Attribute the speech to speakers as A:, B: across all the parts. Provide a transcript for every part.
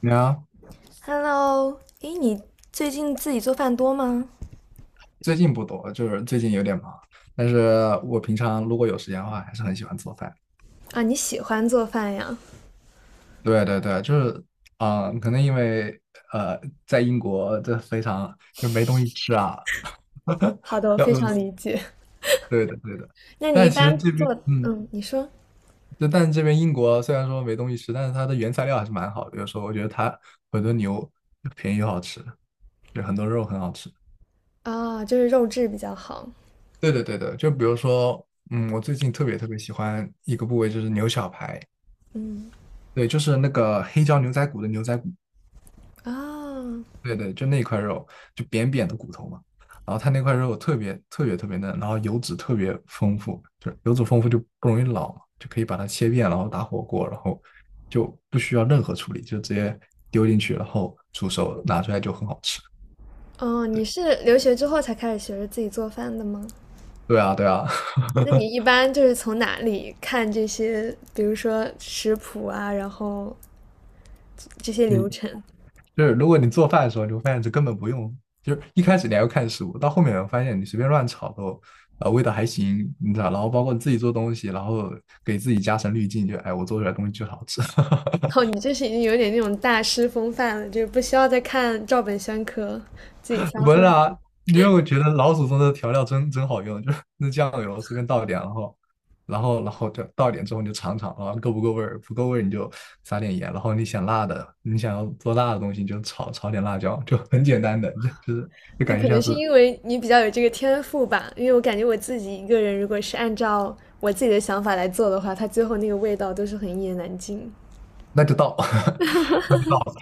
A: 你有
B: Hello，诶，你最近自己做饭多吗？
A: 最近不多，就是最近有点忙。但是我平常如果有时间的话，还是很喜欢做饭。
B: 啊，你喜欢做饭呀？
A: 对对对，就是，可能因为呃，在英国这非常就没东西吃啊，
B: 好的，我
A: 要
B: 非
A: 饿
B: 常
A: 死。
B: 理解。
A: 对的对的。
B: 那你一
A: 但其实
B: 般
A: 这边，
B: 做，嗯，你说。
A: 就但是这边英国虽然说没东西吃，但是它的原材料还是蛮好的。有时候我觉得它很多牛便宜又好吃，就很多肉很好吃。
B: 啊，就是肉质比较好。
A: 对的对的，就比如说，我最近特别特别喜欢一个部位就是牛小排。
B: 嗯。
A: 对，就是那个黑椒牛仔骨的牛仔骨，
B: 啊。
A: 对对，就那块肉，就扁扁的骨头嘛。然后它那块肉特别特别特别嫩，然后油脂特别丰富，就是油脂丰富就不容易老嘛，就可以把它切片，然后打火锅，然后就不需要任何处理，就直接丢进去，然后煮熟拿出来就很好吃。
B: 哦，你
A: 对
B: 是留学之后才开始学着自己做饭的吗？
A: 对啊，对啊，
B: 那你一般就是从哪里看这些，比如说食谱啊，然后这些
A: 你
B: 流程？
A: 就是如果你做饭的时候，你会发现这根本不用，就是一开始你还要看食物，到后面我发现你随便乱炒都，味道还行，你知道，然后包括你自己做东西，然后给自己加成滤镜，就哎，我做出来的东西就是好吃，
B: 哦，你这是已经有点那种大师风范了，就是不需要再看照本宣科，自己 发
A: 不是
B: 挥。
A: 啊，因为我觉得老祖宗的调料真真好用，就是那酱油随便倒一点，然后。然后就倒一点之后你就尝尝，然后够不够味儿，不够味儿你就撒点盐，然后你想辣的，你想要做辣的东西你就炒炒点辣椒，就很简单的，就是就
B: 那
A: 感觉
B: 可能
A: 像
B: 是
A: 是
B: 因为你比较有这个天赋吧，因为我感觉我自己一个人，如果是按照我自己的想法来做的话，它最后那个味道都是很一言难尽。
A: 那就到，那就到了，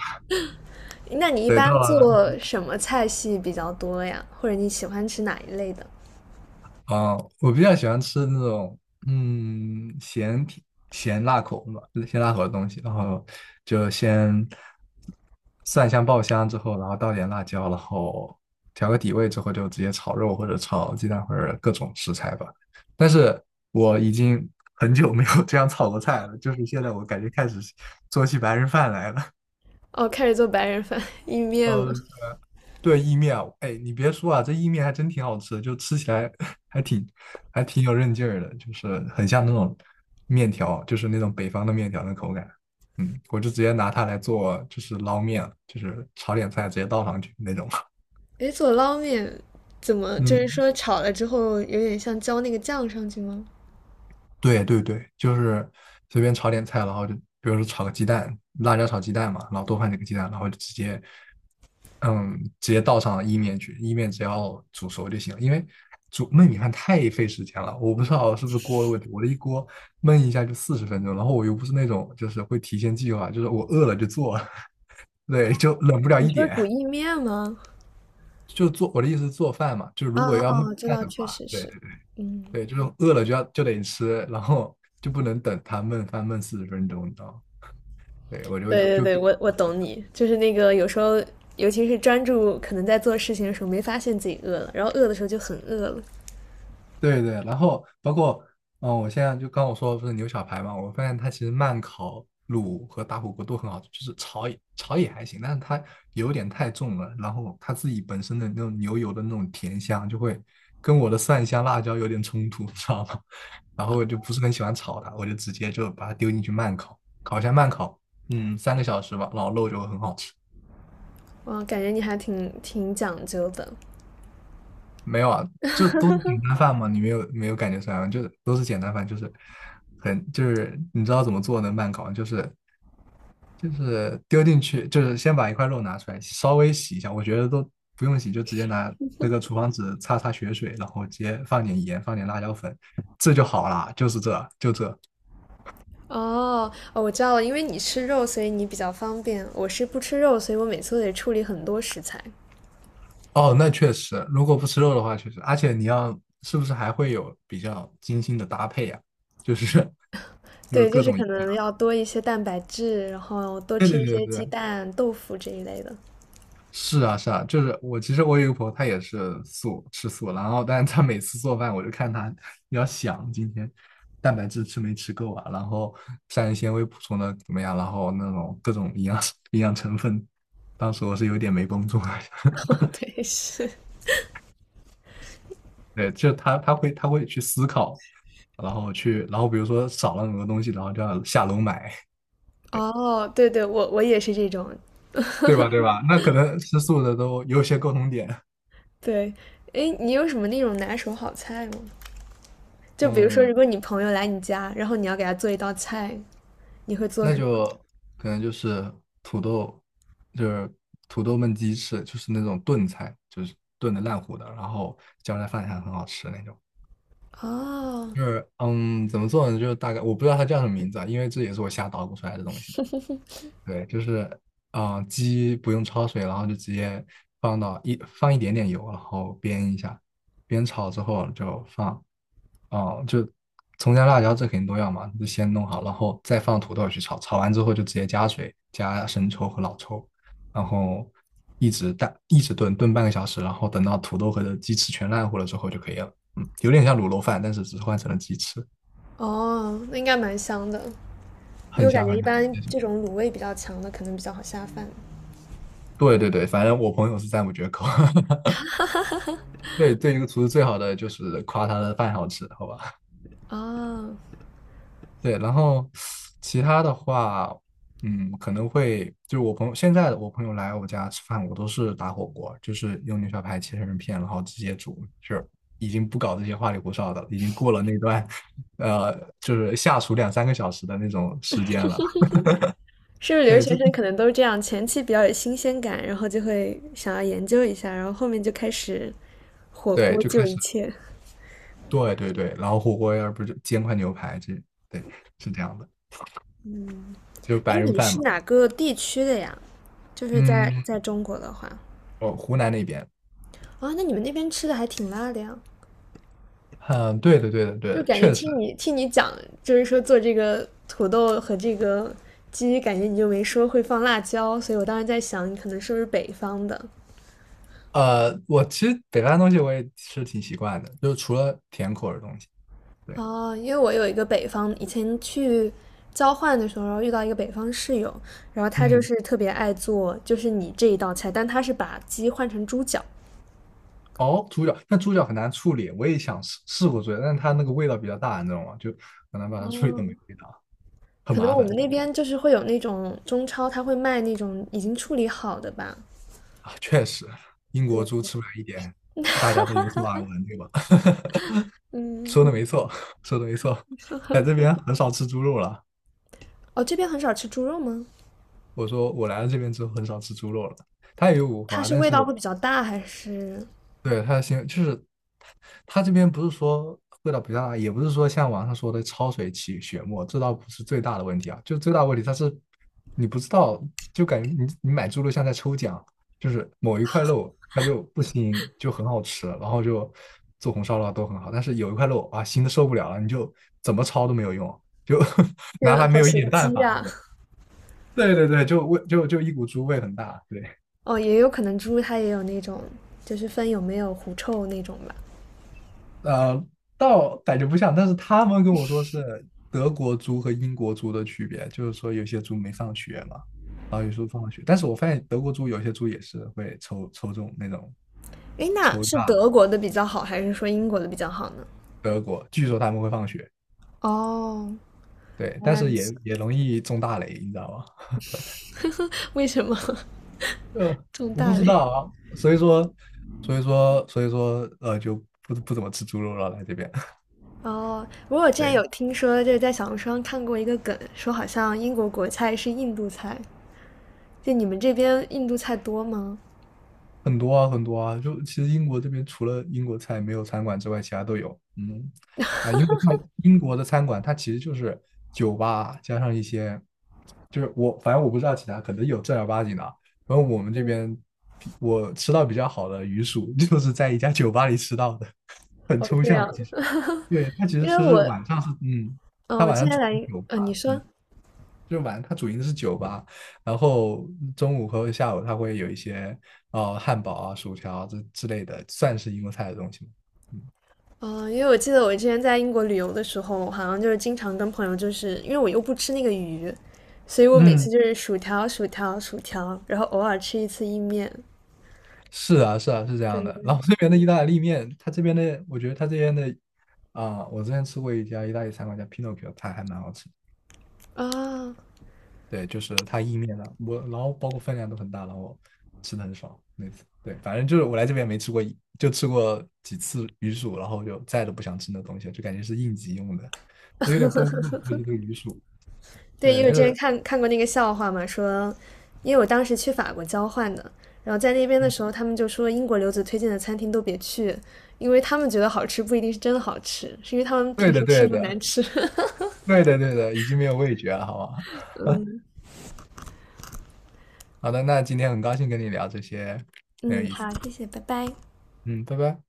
B: 那你一
A: 对，到
B: 般
A: 了
B: 做什么菜系比较多呀？或者你喜欢吃哪一类的？
A: 我比较喜欢吃那种，嗯，咸甜咸辣口嘛，咸辣口的东西，然后就先蒜香爆香之后，然后倒点辣椒，然后调个底味之后，就直接炒肉或者炒鸡蛋或者各种食材吧。但是我已经很久没有这样炒过菜了，就是现在我感觉开始做起白人饭来了。
B: 哦，开始做白人饭、意面嘛。
A: 嗯，对，意面啊，哎，你别说啊，这意面还真挺好吃的就吃起来 还挺还挺有韧劲儿的，就是很像那种面条，就是那种北方的面条的口感。我就直接拿它来做，就是捞面，就是炒点菜直接倒上去那种。
B: 诶，做捞面怎么就是
A: 嗯，
B: 说炒了之后有点像浇那个酱上去吗？
A: 对对对，就是随便炒点菜，然后就比如说炒个鸡蛋，辣椒炒鸡蛋嘛，然后多放几个鸡蛋，然后就直接，嗯，直接倒上意面去，意面只要煮熟就行了。因为煮焖米饭太费时间了，我不知道是不是锅的问题，我的一锅焖一下就四十分钟，然后我又不是那种就是会提前计划，就是我饿了就做，对，就冷不了
B: 你
A: 一
B: 说
A: 点。
B: 煮意面吗？
A: 就做我的意思是做饭嘛，就是
B: 哦
A: 如果要焖
B: 哦，知
A: 饭
B: 道，
A: 的
B: 确
A: 话，
B: 实
A: 对，
B: 是。嗯，
A: 对，就是饿了就要就得吃，然后就不能等它焖翻焖四十分钟，你知道吗？对，我就
B: 对对
A: 就
B: 对，我懂你，就是那个有时候，尤其是专注可能在做事情的时候，没发现自己饿了，然后饿的时候就很饿了。
A: 对对，然后包括，我现在就刚我说的不是牛小排嘛，我发现它其实慢烤卤和打火锅都很好吃，就是炒也还行，但是它有点太重了，然后它自己本身的那种牛油的那种甜香就会跟我的蒜香辣椒有点冲突，你知道吗？然后我就不是很喜欢炒它，我就直接就把它丢进去慢烤，烤一下慢烤，三个小时吧，老肉就会很好吃。
B: 哇，感觉你还挺挺讲究的。
A: 没有啊，就都是简单饭嘛，你没有感觉出来吗？就都是简单饭，就是就是你知道怎么做能慢搞，就是丢进去，就是先把一块肉拿出来，稍微洗一下，我觉得都不用洗，就直接拿那个厨房纸擦擦血水，然后直接放点盐，放点辣椒粉，这就好啦，就是这就这。
B: 哦哦，我知道了，因为你吃肉，所以你比较方便。我是不吃肉，所以我每次都得处理很多食材。
A: 哦，那确实，如果不吃肉的话，确实，而且你要是不是还会有比较精心的搭配呀、就是 就是
B: 对，就
A: 各
B: 是
A: 种。
B: 可能要多一些蛋白质，然后多
A: 对
B: 吃
A: 对
B: 一
A: 对
B: 些鸡
A: 对
B: 蛋、豆腐这一类的。
A: 是啊，是啊，就是我其实我有一个朋友，他也是吃素，然后但是他每次做饭，我就看他，你要想今天蛋白质吃没吃够啊，然后膳食纤维补充的怎么样，然后那种各种营养 营养成分，当时我是有点没绷住了。
B: 对，是。
A: 对，就他他会他会去思考，然后比如说少了很多东西，然后就要下楼买，
B: 哦，对对，我也是这种。
A: 对吧？对吧？那可能吃素的都有些共同点，
B: 对，诶，你有什么那种拿手好菜吗？就比如说，如
A: 嗯。
B: 果你朋友来你家，然后你要给他做一道菜，你会做
A: 那
B: 什么？
A: 就可能就是土豆，就是土豆焖鸡翅，就是那种炖菜，就是炖的烂糊的，然后浇在饭上很好吃那种。
B: 哦
A: 就是怎么做呢？就是大概我不知道它叫什么名字啊，因为这也是我瞎捣鼓出来的东西。对，就是鸡不用焯水，然后就直接放一点点油，然后煸一下，煸炒之后就放哦，就葱姜辣椒这肯定都要嘛，就先弄好，然后再放土豆去炒，炒完之后就直接加水，加生抽和老抽，然后一直炖，炖半个小时，然后等到土豆和的鸡翅全烂糊了之后就可以了。嗯，有点像卤肉饭，但是只是换成了鸡翅，
B: 哦，那应该蛮香的，因为
A: 很
B: 我感
A: 香
B: 觉一
A: 很香。
B: 般这种卤味比较强的，可能比较好下饭。
A: 对对对，反正我朋友是赞不绝口。对，对一个厨师最好的就是夸他的饭好吃，好吧？
B: 哦，
A: 对，然后其他的话，可能会就是我朋友来我家吃饭，我都是打火锅，就是用牛小排切成片，然后直接煮，就是已经不搞这些花里胡哨的了，已经过了那段，呃，就是下厨两三个小时的那种时间了。
B: 是不是留
A: 对，
B: 学
A: 就
B: 生可能都是这样？前期比较有新鲜感，然后就会想要研究一下，然后后面就开始火
A: 对，
B: 锅
A: 就
B: 救
A: 开始，
B: 一切。
A: 对对对，然后火锅要不就煎块牛排，这对是这样的，就是
B: 诶，
A: 白人
B: 你
A: 饭
B: 是
A: 嘛。
B: 哪个地区的呀？就是在
A: 嗯，
B: 在中国的话，
A: 哦，湖南那边，
B: 啊、那你们那边吃的还挺辣的呀。
A: 嗯，对的对的对
B: 就
A: 的，
B: 感觉
A: 确实。
B: 听你讲，就是说做这个土豆和这个鸡，感觉你就没说会放辣椒，所以我当时在想，你可能是不是北方的。
A: 我其实北方的东西我也吃挺习惯的，就是除了甜口的东西。对，
B: 哦？因为我有一个北方，以前去交换的时候遇到一个北方室友，然后他就
A: 嗯，
B: 是特别爱做，就是你这一道菜，但他是把鸡换成猪脚。
A: 哦，猪脚，但猪脚很难处理，我也想试试过猪脚，但是它那个味道比较大，你知道吗？就很难把它处理的没味道，很
B: 可能
A: 麻
B: 我
A: 烦。
B: 们那
A: 对
B: 边就是会有那种中超，他会卖那种已经处理好的吧？
A: 啊，确实，英国
B: 对。
A: 猪吃不来一点，大家都有所耳闻，对吧？说
B: 嗯。
A: 的没错，说的没错，在这边很少吃猪肉了。
B: 哦，这边很少吃猪肉吗？
A: 我说我来了这边之后很少吃猪肉了，它也有五
B: 它
A: 花，
B: 是
A: 但
B: 味
A: 是
B: 道会比较大还是？
A: 对，它的行就是它这边不是说味道比较大，也不是说像网上说的焯水起血沫，这倒不是最大的问题啊。就最大的问题，它是你不知道，就感觉你买猪肉像在抽奖，就是某一块肉它就不腥，就很好吃，然后就做红烧肉啊都很好，但是有一块肉啊腥的受不了了，你就怎么焯都没有用，就
B: 天
A: 拿
B: 呐，
A: 它没
B: 好
A: 有一
B: 随
A: 点办
B: 机
A: 法
B: 呀、
A: 那种。对对对，就味就一股猪味很大，对。
B: 哦，也有可能猪它也有那种，就是分有没有狐臭那种吧。
A: 呃，倒感觉不像，但是他们跟我说是德国猪和英国猪的区别，就是说有些猪没上学嘛，然后有时候放了学，但是我发现德国猪有些猪也是会抽抽中那种
B: 诶，那
A: 抽
B: 是
A: 大
B: 德国的比较好，还是说英国的比较好呢？
A: 德国，据说他们会放血，
B: 哦，
A: 对，
B: 原
A: 但
B: 来
A: 是
B: 如
A: 也
B: 此。
A: 也容易中大雷，你知道吗？
B: 为什么
A: 呃，
B: 这么
A: 我不
B: 大
A: 知
B: 嘞？
A: 道啊，所以说，所以说，就不怎么吃猪肉了，来这边，
B: 哦，不过我之 前有
A: 对。
B: 听说，就是在小红书上看过一个梗，说好像英国国菜是印度菜，就你们这边印度菜多吗？
A: 很多啊，很多啊，就其实英国这边除了英国菜没有餐馆之外，其他都有。嗯，英国菜，英国的餐馆它其实就是酒吧加上一些，就是我反正我不知道其他，可能有正儿八经的啊。然后我们这边比我吃到比较好的鱼薯，就是在一家酒吧里吃到的，很
B: 哦，
A: 抽
B: 这
A: 象
B: 样，
A: 其实。对，它其
B: 因
A: 实
B: 为
A: 是
B: 我，
A: 晚上是
B: 嗯、
A: 它
B: 我
A: 晚
B: 之
A: 上
B: 前
A: 主的
B: 来，
A: 酒吧，
B: 你
A: 嗯。
B: 说，
A: 就是晚它主营的是酒吧，然后中午和下午它会有一些汉堡啊、薯条啊这之类的，算是英国菜的东西嘛。嗯，
B: 嗯，因为我记得我之前在英国旅游的时候，好像就是经常跟朋友，就是因为我又不吃那个鱼，所以我每次
A: 嗯，
B: 就是薯条、薯条、薯条，然后偶尔吃一次意面。
A: 是啊，是啊，是这样
B: 对
A: 的。然
B: 对。
A: 后这边的意大利面，他这边的我觉得他这边的我之前吃过一家意大利餐馆叫 Pinocchio，它还蛮好吃的。
B: 啊，
A: 对，就是它意面的，我然后包括分量都很大，然后吃的很爽那次。对，反正就是我来这边没吃过一，就吃过几次鱼薯，然后就再都不想吃那东西了，就感觉是应急用的，我有点绷不住估计这个鱼薯。
B: 对，因
A: 对，
B: 为我
A: 就
B: 之前
A: 是
B: 看过那个笑话嘛，说，因为我当时去法国交换的，然后在那边的时候，他们就说英国留子推荐的餐厅都别去，因为他们觉得好吃不一定是真的好吃，是因为他们
A: 对
B: 平时
A: 的，
B: 吃
A: 对
B: 的难
A: 的，
B: 吃。
A: 对的，对的，已经没有味觉了，好吗？好的，那今天很高兴跟你聊这些，很有
B: 嗯，
A: 意思。
B: 好，谢谢，拜拜。
A: 嗯，拜拜。